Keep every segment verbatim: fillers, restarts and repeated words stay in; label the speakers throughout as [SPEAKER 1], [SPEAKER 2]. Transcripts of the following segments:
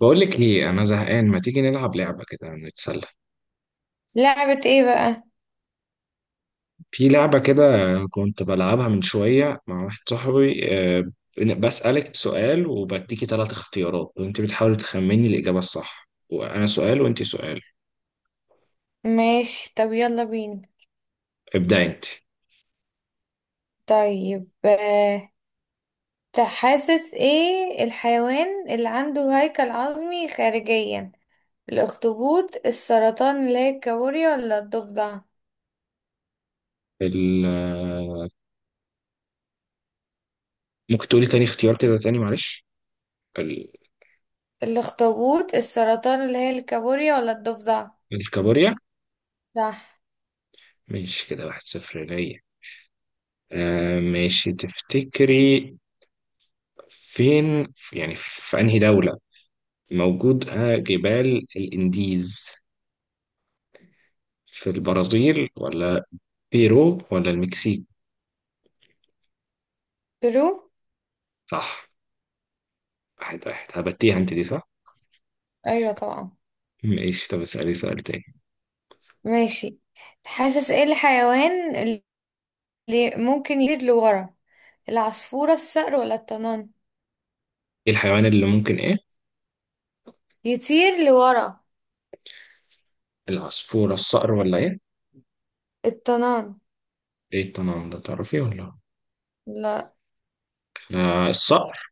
[SPEAKER 1] بقول لك ايه، انا زهقان. ما تيجي نلعب لعبه كده نتسلى.
[SPEAKER 2] لعبة ايه بقى؟
[SPEAKER 1] في لعبه كده كنت بلعبها من شويه مع واحد صاحبي. آه، بن- بسالك سؤال وبديكي ثلاث اختيارات وانت بتحاولي تخمني الاجابه الصح، وانا سؤال وانت سؤال.
[SPEAKER 2] ماشي، طب يلا بينا.
[SPEAKER 1] ابداي انت.
[SPEAKER 2] طيب، آه، تحاسس ايه الحيوان اللي عنده هيكل عظمي خارجيا؟ الاخطبوط، السرطان اللي هي الكابوريا، ولا الضفدع؟
[SPEAKER 1] ال- آه، ممكن تقولي تاني اختيار كده تاني، معلش. ال-
[SPEAKER 2] الاخطبوط، السرطان اللي هي الكابوريا، ولا الضفدع؟
[SPEAKER 1] الكابوريا.
[SPEAKER 2] صح.
[SPEAKER 1] ماشي كده واحد صفر ليا. آه، ماشي. تفتكري فين، يعني في انهي دوله موجود؟ آه، جبال الانديز في البرازيل، ولا بيرو، ولا المكسيك؟
[SPEAKER 2] ترو.
[SPEAKER 1] صح. واحد واحد. هبتيها انت دي صح.
[SPEAKER 2] ايوه طبعا.
[SPEAKER 1] ماشي، طب اسألي سؤال تاني.
[SPEAKER 2] ماشي. تحاسس ايه الحيوان اللي ممكن يطير لورا؟ العصفورة، الصقر ولا الطنان؟
[SPEAKER 1] ايه الحيوان اللي ممكن ايه؟
[SPEAKER 2] يطير لورا.
[SPEAKER 1] العصفورة، الصقر، ولا ايه؟
[SPEAKER 2] الطنان.
[SPEAKER 1] ايه التنوع ده، تعرفيه ولا؟
[SPEAKER 2] لا،
[SPEAKER 1] آه، الصقر.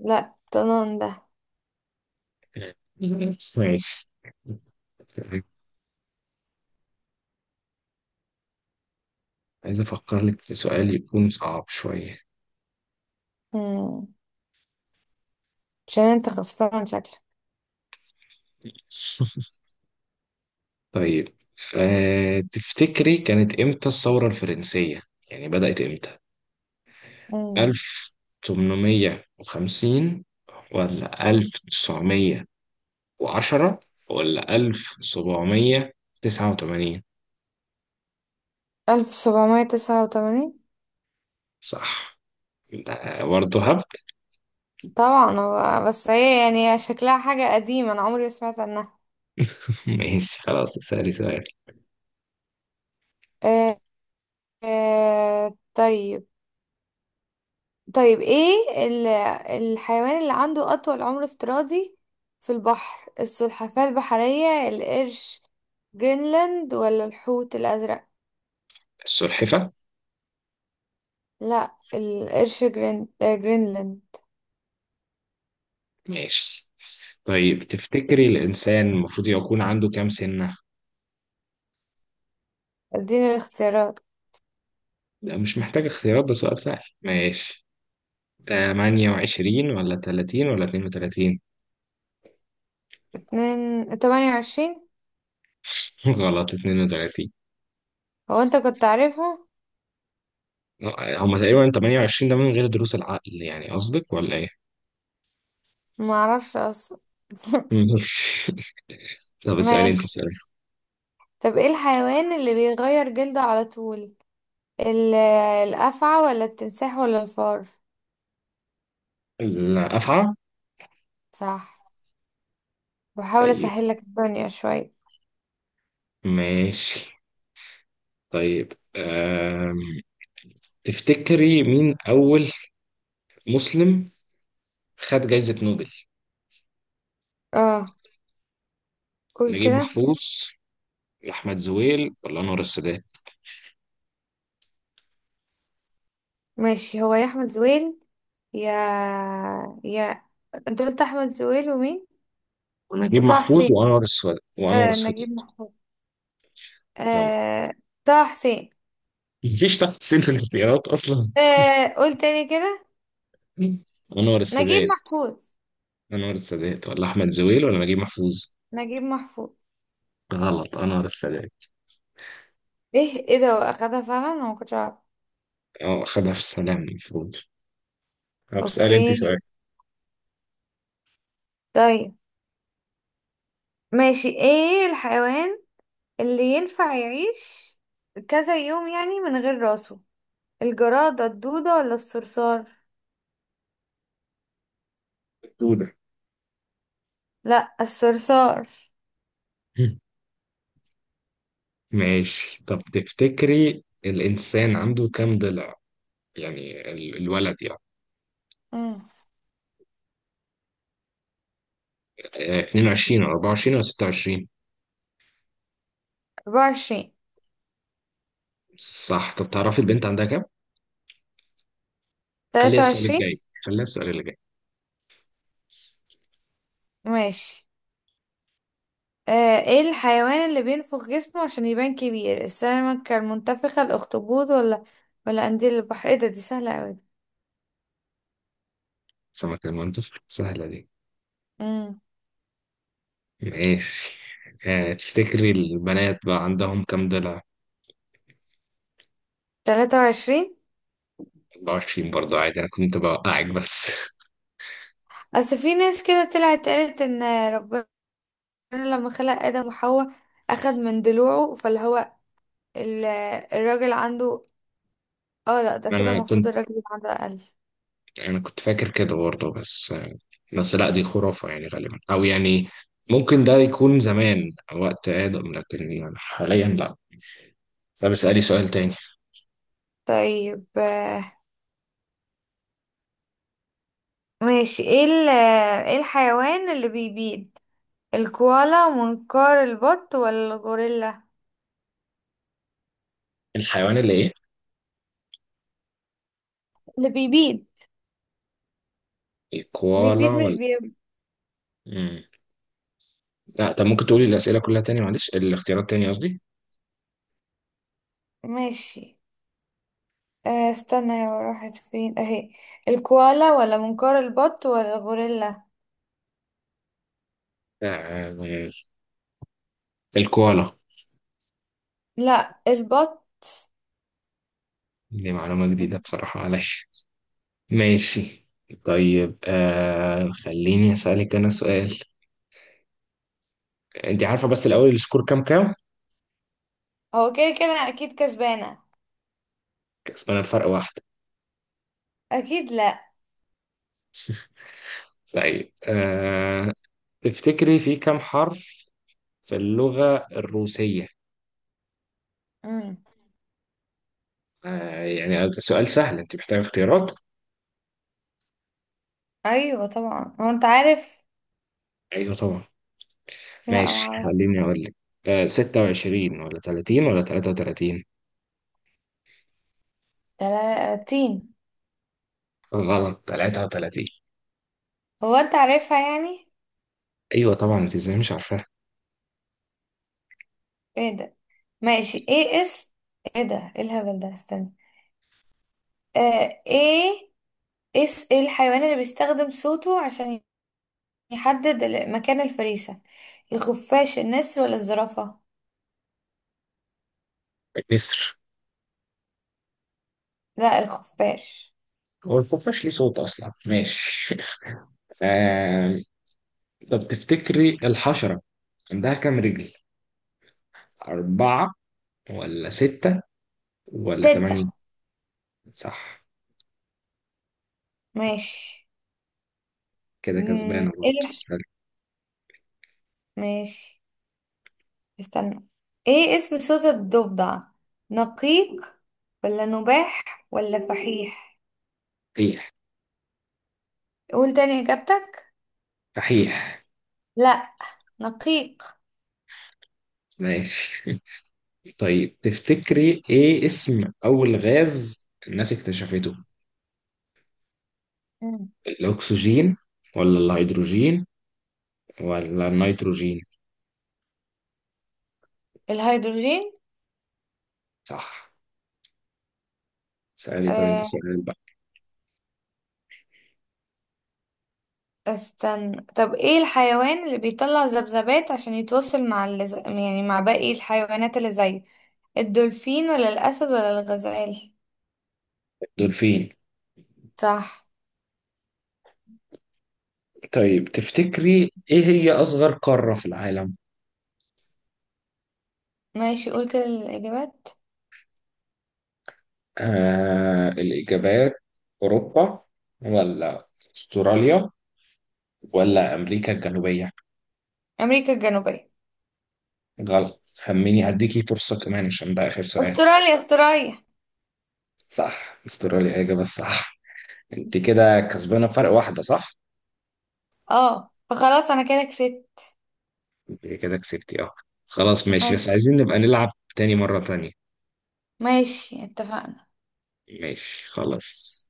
[SPEAKER 2] لا طنان ده.
[SPEAKER 1] ماشي. عايز افكر لك في سؤال يكون صعب شوية.
[SPEAKER 2] مم. عشان انت خسران شكلك.
[SPEAKER 1] طيب، أه تفتكري كانت امتى الثورة الفرنسية، يعني بدأت امتى؟
[SPEAKER 2] مم.
[SPEAKER 1] ألف تمنمية وخمسين، ولا ألف تسعمية وعشرة، ولا ألف سبعمية تسعة وتمانين؟
[SPEAKER 2] ألف سبعمية تسعة وتمانين.
[SPEAKER 1] صح. ده برضه هبد.
[SPEAKER 2] طبعا، هو بس هي يعني شكلها حاجة قديمة أنا عمري ما سمعت عنها.
[SPEAKER 1] ماشي خلاص، اسألي سؤال.
[SPEAKER 2] آه آه طيب. طيب، ايه ال- الحيوان اللي عنده أطول عمر افتراضي في البحر؟ السلحفاة البحرية، القرش جرينلاند، ولا الحوت الأزرق؟
[SPEAKER 1] السلحفة.
[SPEAKER 2] لا، القرش جرين... آه، جرينلاند.
[SPEAKER 1] ماشي. طيب تفتكري الإنسان المفروض يكون عنده كام سنة؟
[SPEAKER 2] اديني الاختيارات.
[SPEAKER 1] ده مش محتاج اختيارات، ده سؤال سهل. ماشي، تمانية وعشرين، ولا تلاتين، ولا اتنين وتلاتين؟
[SPEAKER 2] اتنين تمانية وعشرين،
[SPEAKER 1] غلط، اتنين وتلاتين.
[SPEAKER 2] هو انت كنت عارفها؟
[SPEAKER 1] آه، هما تقريبا تمانية وعشرين ده من غير دروس العقل، يعني قصدك ولا ايه؟
[SPEAKER 2] معرفش اصلا.
[SPEAKER 1] ماشي. طب اسألي انت
[SPEAKER 2] ماشي،
[SPEAKER 1] سؤال.
[SPEAKER 2] طب ايه الحيوان اللي بيغير جلده على طول؟ ال- الافعى، ولا التمساح، ولا الفار؟
[SPEAKER 1] لا، أفعى؟
[SPEAKER 2] صح. بحاول
[SPEAKER 1] طيب،
[SPEAKER 2] اسهل لك الدنيا شويه.
[SPEAKER 1] ماشي. طيب، آم، تفتكري مين أول مسلم خد جايزة نوبل؟
[SPEAKER 2] اه، قول
[SPEAKER 1] نجيب
[SPEAKER 2] كده.
[SPEAKER 1] محفوظ، أحمد زويل، ولا أنور السادات؟
[SPEAKER 2] ماشي، هو يا احمد زويل، يا يا انت قلت احمد زويل ومين؟
[SPEAKER 1] ونجيب
[SPEAKER 2] وطه
[SPEAKER 1] محفوظ
[SPEAKER 2] حسين.
[SPEAKER 1] وأنور السادات وأنور
[SPEAKER 2] آه، نجيب
[SPEAKER 1] السادات.
[SPEAKER 2] محفوظ.
[SPEAKER 1] غلط.
[SPEAKER 2] آه، طه حسين.
[SPEAKER 1] مفيش تحسين في الاختيارات أصلا.
[SPEAKER 2] آه قول تاني كده.
[SPEAKER 1] أنور
[SPEAKER 2] نجيب
[SPEAKER 1] السادات.
[SPEAKER 2] محفوظ.
[SPEAKER 1] أنور السادات، ولا أحمد زويل، ولا نجيب محفوظ؟
[SPEAKER 2] نجيب محفوظ.
[SPEAKER 1] غلط، أنور السادات.
[SPEAKER 2] ايه ايه ده واخدها فعلا، انا ما كنتش اعرف.
[SPEAKER 1] أه، خدها في السلام المفروض. طب اسألي أنت
[SPEAKER 2] اوكي.
[SPEAKER 1] سؤال.
[SPEAKER 2] طيب، ماشي، ايه الحيوان اللي ينفع يعيش كذا يوم يعني من غير راسه؟ الجرادة، الدودة، ولا الصرصار؟
[SPEAKER 1] دودة.
[SPEAKER 2] لا، الصرصار.
[SPEAKER 1] ماشي. طب تفتكري الإنسان عنده كام ضلع؟ يعني ال- الولد يعني.
[SPEAKER 2] امم
[SPEAKER 1] آه، اتنين وعشرين ولا اربعه وعشرين ولا ستة وعشرين؟
[SPEAKER 2] أربعة وعشرين،
[SPEAKER 1] صح. طب تعرفي البنت عندها كام؟ خليها السؤال
[SPEAKER 2] تلاتة وعشرين.
[SPEAKER 1] الجاي. خليها السؤال اللي جاي.
[SPEAKER 2] ماشي. آه ايه الحيوان اللي بينفخ جسمه عشان يبان كبير؟ السمكة المنتفخة، الاخطبوط، ولا ولا قنديل البحر؟ ايه ده، دي سهلة اوي.
[SPEAKER 1] سمك المنطق. سهلة دي.
[SPEAKER 2] امم
[SPEAKER 1] ماشي. آه، تفتكري البنات بقى عندهم كام دلع؟
[SPEAKER 2] تلاتة وعشرين.
[SPEAKER 1] اربعه وعشرين برضه، عادي أنا كنت بوقعك بس.
[SPEAKER 2] اصل في ناس كده طلعت قالت ان ربنا ربنا لما خلق آدم وحواء أخد من ضلوعه، فاللي هو ال- الراجل عنده، اه لا، ده كده
[SPEAKER 1] أنا
[SPEAKER 2] المفروض
[SPEAKER 1] كنت
[SPEAKER 2] الراجل يبقى عنده أقل.
[SPEAKER 1] أنا كنت فاكر كده برضه، بس آه، بس لا، دي خرافة يعني غالبا، أو يعني ممكن ده يكون زمان وقت آدم، لكن يعني حاليا لا. طب اسألي سؤال تاني.
[SPEAKER 2] طيب، آه، ماشي، ايه ال- ايه الحيوان اللي بيبيض؟ الكوالا، منقار البط، ولا الغوريلا؟
[SPEAKER 1] الحيوان اللي إيه؟
[SPEAKER 2] اللي بيبيض. بيبيض
[SPEAKER 1] الكوالا
[SPEAKER 2] مش
[SPEAKER 1] ولا؟
[SPEAKER 2] بي.
[SPEAKER 1] مم. لا، طب ممكن تقولي الأسئلة كلها تاني، معلش، الاختيارات تاني قصدي.
[SPEAKER 2] ماشي، آه، استنى، يا راحت فين اهي. الكوالا ولا منقار البط ولا الغوريلا؟
[SPEAKER 1] آه، آه، الكوالا.
[SPEAKER 2] لا، البط.
[SPEAKER 1] دي معلومة جديدة بصراحة، معلش. ماشي. طيب آه، خليني أسألك أنا سؤال. أنت عارفة بس الأول السكور كام كام؟
[SPEAKER 2] هو كده كده اكيد كسبانة.
[SPEAKER 1] كسبانة بفرق واحدة.
[SPEAKER 2] اكيد لا.
[SPEAKER 1] طيب آه، تفتكري في كام حرف في اللغة الروسية؟
[SPEAKER 2] مم.
[SPEAKER 1] آه يعني ده سؤال سهل، أنت محتاجة اختيارات؟
[SPEAKER 2] ايوه طبعا، هو انت عارف؟
[SPEAKER 1] أيوه طبعا.
[SPEAKER 2] لا، ما
[SPEAKER 1] ماشي،
[SPEAKER 2] اعرف.
[SPEAKER 1] خليني أقول لك. آه، ستة وعشرين ولا تلاتين ولا تلاتة وتلاتين؟
[SPEAKER 2] تلاتين.
[SPEAKER 1] غلط، ثلاثة وثلاثين.
[SPEAKER 2] هو انت عارفها يعني.
[SPEAKER 1] ايوه طبعا، انت ازاي مش عارفاها؟
[SPEAKER 2] ايه ده. ماشي، ايه اسم، ايه ده، ايه الهبل ده، استنى. آه ايه. اس ايه الحيوان اللي بيستخدم صوته عشان يحدد ال- مكان الفريسة؟ الخفاش، النسر، ولا الزرافة؟
[SPEAKER 1] النسر.
[SPEAKER 2] لا، الخفاش.
[SPEAKER 1] هو الخفاش ليه صوت اصلا؟ ماشي. آه، طب تفتكري الحشره عندها كام رجل؟ اربعه، ولا سته، ولا
[SPEAKER 2] تتة.
[SPEAKER 1] ثمانيه؟ صح.
[SPEAKER 2] ماشي.
[SPEAKER 1] كده
[SPEAKER 2] مم،
[SPEAKER 1] كسبانه
[SPEAKER 2] ايه
[SPEAKER 1] برضه،
[SPEAKER 2] الح-
[SPEAKER 1] سهل.
[SPEAKER 2] ماشي. استنى، ايه اسم صوت الضفدع؟ نقيق، ولا نباح، ولا فحيح؟
[SPEAKER 1] صحيح.
[SPEAKER 2] قول تاني إجابتك.
[SPEAKER 1] صحيح.
[SPEAKER 2] لا، نقيق.
[SPEAKER 1] ماشي. طيب تفتكري ايه اسم اول غاز الناس اكتشفته؟
[SPEAKER 2] مم.
[SPEAKER 1] الاكسجين، ولا الهيدروجين، ولا النيتروجين؟
[SPEAKER 2] الهيدروجين.
[SPEAKER 1] صح. سألي طب انت
[SPEAKER 2] آه
[SPEAKER 1] سؤال بقى.
[SPEAKER 2] استنى، طب ايه الحيوان اللي بيطلع ذبذبات عشان يتواصل مع اللز... يعني مع باقي الحيوانات اللي زيه؟ الدولفين، ولا الأسد، ولا الغزال؟
[SPEAKER 1] دولفين.
[SPEAKER 2] صح.
[SPEAKER 1] طيب تفتكري إيه هي أصغر قارة في العالم؟
[SPEAKER 2] ماشي، قول كده الإجابات.
[SPEAKER 1] آه، الإجابات. أوروبا، ولا أستراليا، ولا أمريكا الجنوبية؟
[SPEAKER 2] أمريكا الجنوبية.
[SPEAKER 1] غلط. خميني هديكي فرصة كمان عشان ده آخر سؤال.
[SPEAKER 2] أستراليا، أستراليا.
[SPEAKER 1] صح، أستراليا إجابة الصح. أنت كده كسبانة بفرق واحدة صح؟
[SPEAKER 2] اه، فخلاص أنا كده كسبت.
[SPEAKER 1] أنت كده كسبتي، أه. خلاص ماشي،
[SPEAKER 2] ماشي،
[SPEAKER 1] بس عايزين نبقى نلعب تاني مرة تانية.
[SPEAKER 2] ماشي، اتفقنا.
[SPEAKER 1] ماشي خلاص.